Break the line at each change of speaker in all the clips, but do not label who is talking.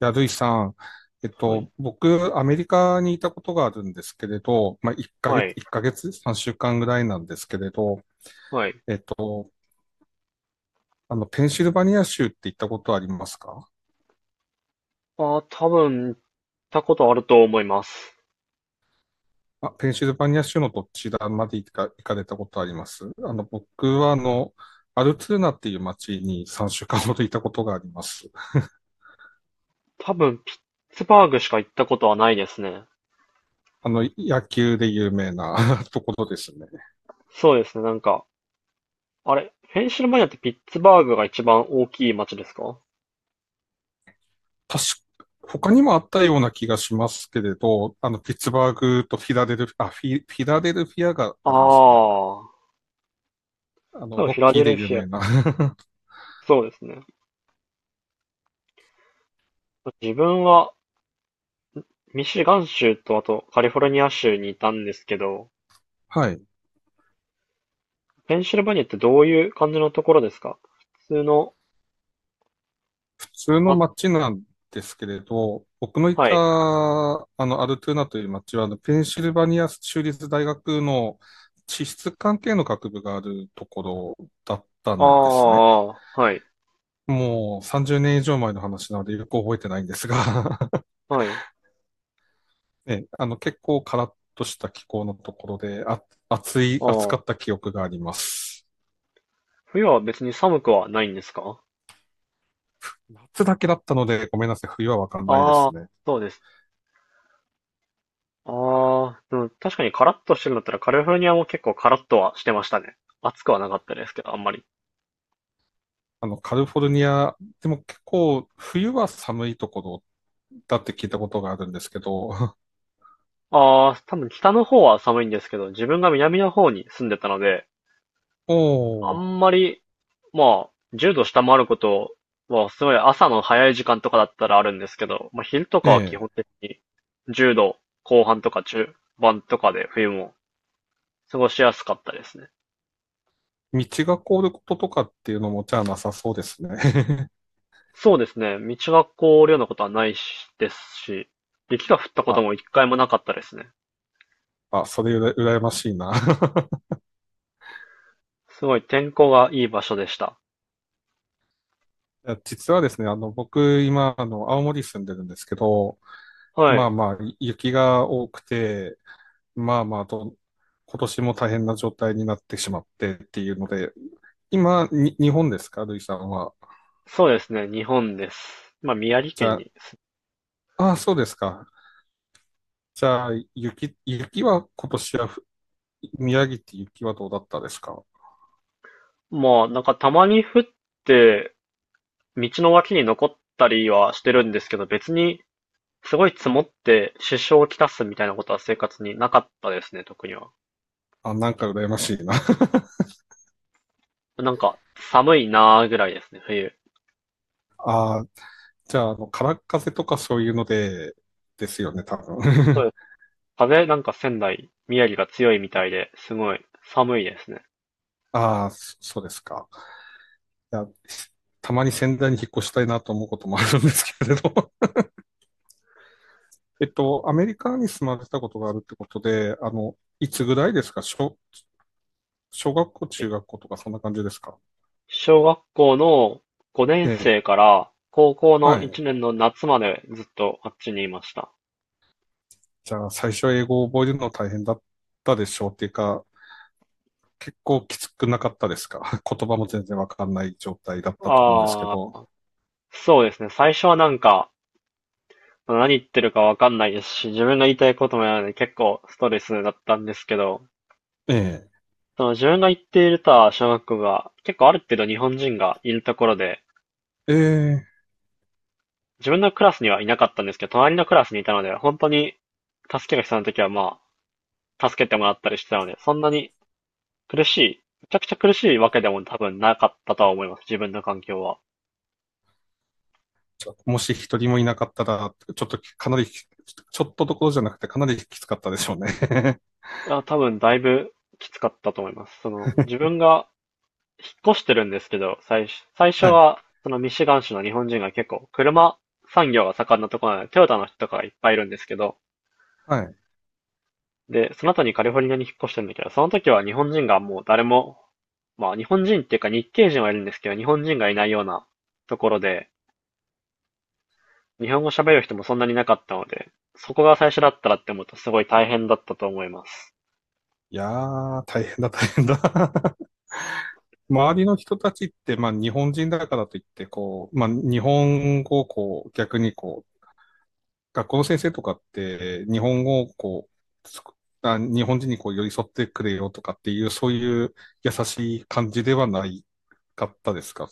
いや、ルイさん、
はい。
僕、アメリカにいたことがあるんですけれど、まあ、1ヶ
は
月、
い。
1ヶ月、3週間ぐらいなんですけれど、
はい。
えっと、ペンシルバニア州って行ったことありますか？
ああ、多分、行ったことあると思います。
あ、ペンシルバニア州のどちらまで行かれたことあります？あの、僕は、あの、アルツーナっていう町に3週間ほどいたことがあります。
多分、ピッツバーグしか行ったことはないですね。
あの、野球で有名な ところですね。
そうですね、なんか、あれ、ペンシルバニアってピッツバーグが一番大きい町ですか？
確か、他にもあったような気がしますけれど、あの、ピッツバーグとフィラデルフィア、フィラデルフィアが
あ
ありますね。
あー、
あ
多
の、
分
ロ
フィ
ッ
ラ
キー
デ
で
ル
有
フィア。
名な。
そうですね。自分はミシガン州とあとカリフォルニア州にいたんですけど、
はい。
ペンシルバニアってどういう感じのところですか？普通の、
普通の
あ、
街なんですけれど、僕のい
は
た、
い。
あの、アルトゥーナという街は、あのペンシルバニア州立大学の地質関係の学部があるところだった
あ
んですね。
あ、はい。
もう30年以上前の話なのでよく覚えてないんですが、
はい。
ね、あの、結構カラッとした気候のところで、あ、
あ
暑か
あ。
った記憶があります。
冬は別に寒くはないんですか？
夏だけだったので、ごめんなさい、冬はわかんないで
ああー、
すね。
そうです。ああ、でも確かにカラッとしてるんだったらカリフォルニアも結構カラッとはしてましたね。暑くはなかったですけど、あんまり。
あの、カリフォルニア、でも結構、冬は寒いところだって聞いたことがあるんですけど、
ああ、多分北の方は寒いんですけど、自分が南の方に住んでたので、あ
おー、
んまり、まあ、10度下回ることは、すごい朝の早い時間とかだったらあるんですけど、まあ昼と
ね
かは基
え、
本的に10度後半とか中盤とかで冬も過ごしやすかったですね。
道が凍ることとかっていうのもじゃあなさそうですね。
そうですね。道が凍るようなことはないしですし、雪が降った こと
あ、
も一回もなかったですね。
あ、それ羨ましいな。
すごい天候がいい場所でした。
いや実はですね、あの、僕、今、あの、青森住んでるんですけど、
は
ま
い。
あまあ、雪が多くて、まあまあと、今年も大変な状態になってしまってっていうので、今、に日本ですか、ルイさんは。
そうですね。日本です。まあ、宮城
じ
県
ゃ
にす。
あ、あ、そうですか。じゃあ、雪は今年はふ、宮城って雪はどうだったですか？
まあ、なんかたまに降って、道の脇に残ったりはしてるんですけど、別にすごい積もって支障をきたすみたいなことは生活になかったですね、特には。
あ、なんか羨ましいな。
なんか寒いなーぐらいですね、冬。
あ、じゃあ、あの、空っ風とかそういうので、ですよね、多分。
そう です。風なんか仙台、宮城が強いみたいで、すごい寒いですね。
ああ、そうですか。いや、たまに仙台に引っ越したいなと思うこともあるんですけれど。えっと、アメリカに住まれたことがあるってことで、あの、いつぐらいですか？小学校、中学校とかそんな感じですか？
小学校の五年
ええ。
生から高校の
はい。
一年の夏までずっとあっちにいました。
じゃあ、最初英語を覚えるの大変だったでしょうっていうか、結構きつくなかったですか？ 言葉も全然わかんない状態だったと思うんですけ
ああ、
ど。
そうですね。最初は何言ってるかわかんないですし、自分が言いたいこともやらないので結構ストレスだったんですけど、
え
その自分が行っていた小学校が結構ある程度日本人がいるところで、
え。ええ。
自分のクラスにはいなかったんですけど、隣のクラスにいたので、本当に助けが必要な時は助けてもらったりしてたので、そんなに苦しい。めちゃくちゃ苦しいわけでも多分なかったとは思います。自分の環境は。
もし一人もいなかったら、ちょっとどころじゃなくてかなりきつかったでしょうね。
あ、多分だいぶきつかったと思います。その、自分が引っ越してるんですけど、最初
はい。
は、そのミシガン州の日本人が結構、車産業が盛んなところなので、トヨタの人とかがいっぱいいるんですけど、
はい。
で、その後にカリフォルニアに引っ越してるんだけど、その時は日本人がもう誰も、まあ日本人っていうか日系人はいるんですけど、日本人がいないようなところで、日本語喋る人もそんなになかったので、そこが最初だったらって思うとすごい大変だったと思います。
いやー、大変だ。周りの人たちって、まあ日本人だからといって、こう、まあ日本語をこう、逆にこう、学校の先生とかって、日本語をこう、あ日本人にこう寄り添ってくれよとかっていう、そういう優しい感じではないかったですか。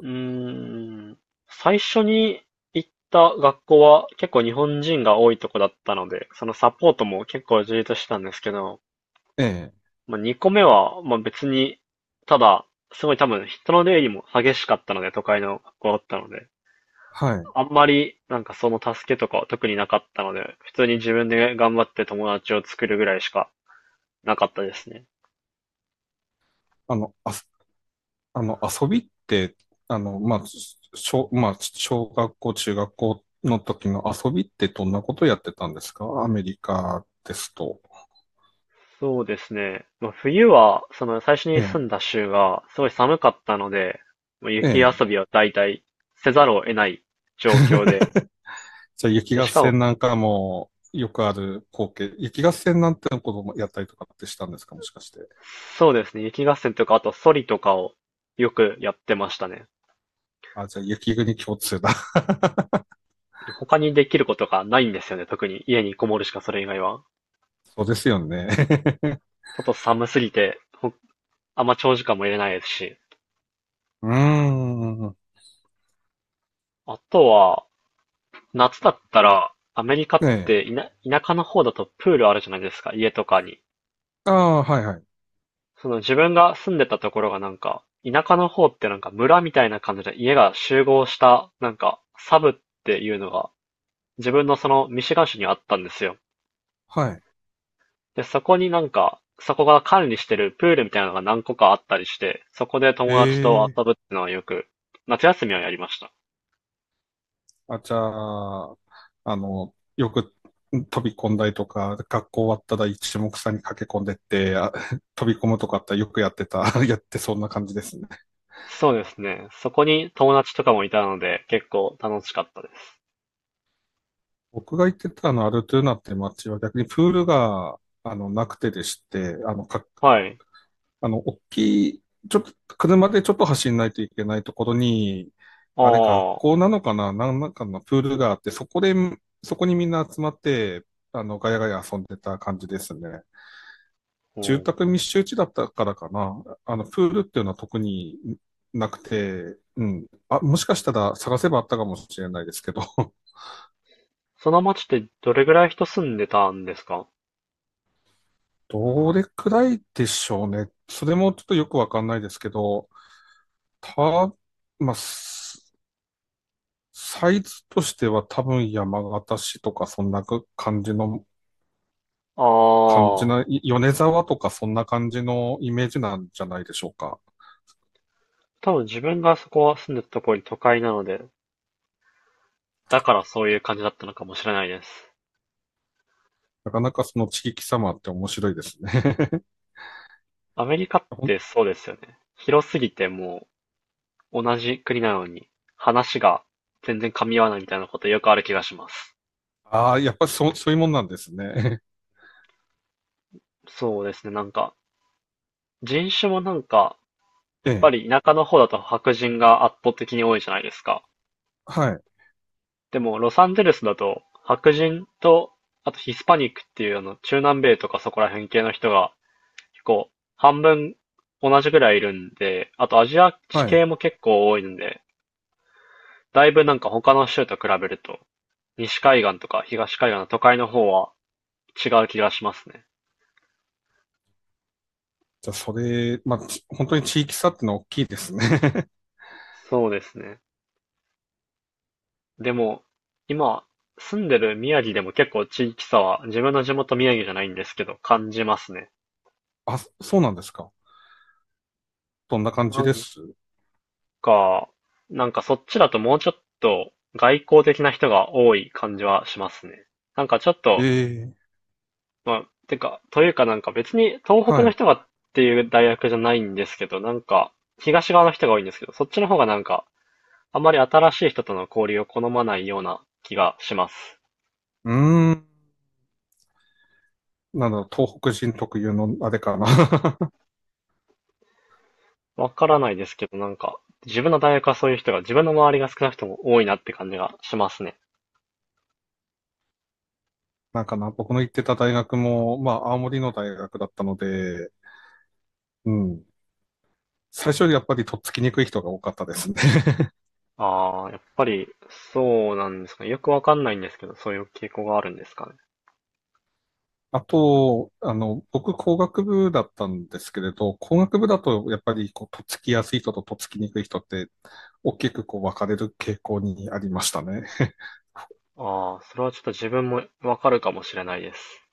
うーん、最初に行った学校は結構日本人が多いとこだったので、そのサポートも結構充実してたんですけど、
ええ
まあ、2個目は、まあ、別に、ただ、すごい多分人の出入りも激しかったので、都会の学校だったので、
はい。
あんまりその助けとかは特になかったので、普通に自分で頑張って友達を作るぐらいしかなかったですね。
あの、あ、あの、遊びって、あの、まあ、まあ、小学校、中学校の時の遊びってどんなことやってたんですか、アメリカですと。
そうですね。まあ、冬は、その最初
え
に住
え、
んだ州がすごい寒かったので、まあ
え
雪
え。
遊びは大体せざるを得ない状況で、
じゃあ、雪
で、
合
しかも、
戦なんかもよくある光景。雪合戦なんてのこともやったりとかってしたんですか、もしかして。
そうですね、雪合戦とか、あとソリとかをよくやってましたね。
あ、じゃあ、雪国共通だ。
他にできることがないんですよね、特に家にこもるしかそれ以外は。
そうですよね。
ちょっと寒すぎて、ほあんま長時間もいれないですし。
うーん。
あとは、夏だったら、アメリカ
え
っ
え。
て田舎の方だとプールあるじゃないですか、家とかに。
ああ、はいはい。
その自分が住んでたところがなんか、田舎の方ってなんか村みたいな感じで家が集合した、なんか、サブっていうのが、自分のそのミシガン州にあったんですよ。
はい。
で、そこになんか、そこが管理してるプールみたいなのが何個かあったりして、そこで友達と
え
遊
え、
ぶっていうのはよく、夏休みはやりました。
あ、じゃあ、あの、よく飛び込んだりとか、学校終わったら一目散に駆け込んでって、あ 飛び込むとかあったらよくやってた、やってそんな感じですね。
そうですね。そこに友達とかもいたので、結構楽しかったです。
僕が行ってたあのアルトゥーナって街は逆にプールが、あの、なくてでして、
はい。
あの、大きい、ちょっと、車でちょっと走んないといけないところに、あれ、学
ああ、
校なのかな、なんなんかのプールがあって、そこで、そこにみんな集まって、あの、ガヤガヤ遊んでた感じですね。
う
住
ん。
宅密集地だったからかな。あの、プールっていうのは特になくて、うん。あ、もしかしたら探せばあったかもしれないですけど、
その町ってどれぐらい人住んでたんですか？
どれくらいでしょうね。それもちょっとよくわかんないですけど、た、まあ、サイズとしては多分山形市とかそんな感じの、
あ
感じな、
あ。
い米沢とかそんな感じのイメージなんじゃないでしょうか。
多分自分がそこは住んでたところに都会なので、だからそういう感じだったのかもしれないです。
なかなかその地域様って面白いですね。
アメリカってそうですよね。広すぎてもう同じ国なのに話が全然噛み合わないみたいなことよくある気がします。
ああ、やっぱりそういうもんなんですね。
そうですね、なんか人種もなんか、
え
やっぱ
え、
り田舎の方だと白人が圧倒的に多いじゃないですか。
はい、
でもロサンゼルスだと白人とあとヒスパニックっていうあの中南米とかそこら辺系の人が結構、半分同じぐらいいるんで、あとアジア地
は
系
い。
も結構多いんで、だいぶなんか他の州と比べると、西海岸とか東海岸の都会の方は違う気がしますね。
じゃあ、それ、まあ、ち本当に地域差ってのは大きいですね。
そうですね。でも、今、住んでる宮城でも結構地域差は、自分の地元宮城じゃないんですけど、感じますね。
あ、そうなんですか。どんな感じ
なん
です？
か、なんかそっちだともうちょっと外交的な人が多い感じはしますね。なんかちょっ
え
と
え、
まあ、てか、というかなんか別に東北
はい。
の
う
人がっていう大学じゃないんですけど、なんか東側の人が多いんですけど、そっちの方がなんかあんまり新しい人との交流を好まないような気がします。
ーん。なんだろう、東北人特有のあれかな。
わからないですけど、なんか自分の大学はそういう人が自分の周りが少なくとも多いなって感じがしますね。
なんかな、僕の行ってた大学も、まあ、青森の大学だったので、うん。最初よりやっぱりとっつきにくい人が多かったですね。
ああ、やっぱりそうなんですかね。よくわかんないんですけど、そういう傾向があるんですかね。
あと、あの、僕工学部だったんですけれど、工学部だとやっぱりこう、とっつきやすい人ととっつきにくい人って大きくこう分かれる傾向にありましたね。
ああ、それはちょっと自分もわかるかもしれないです。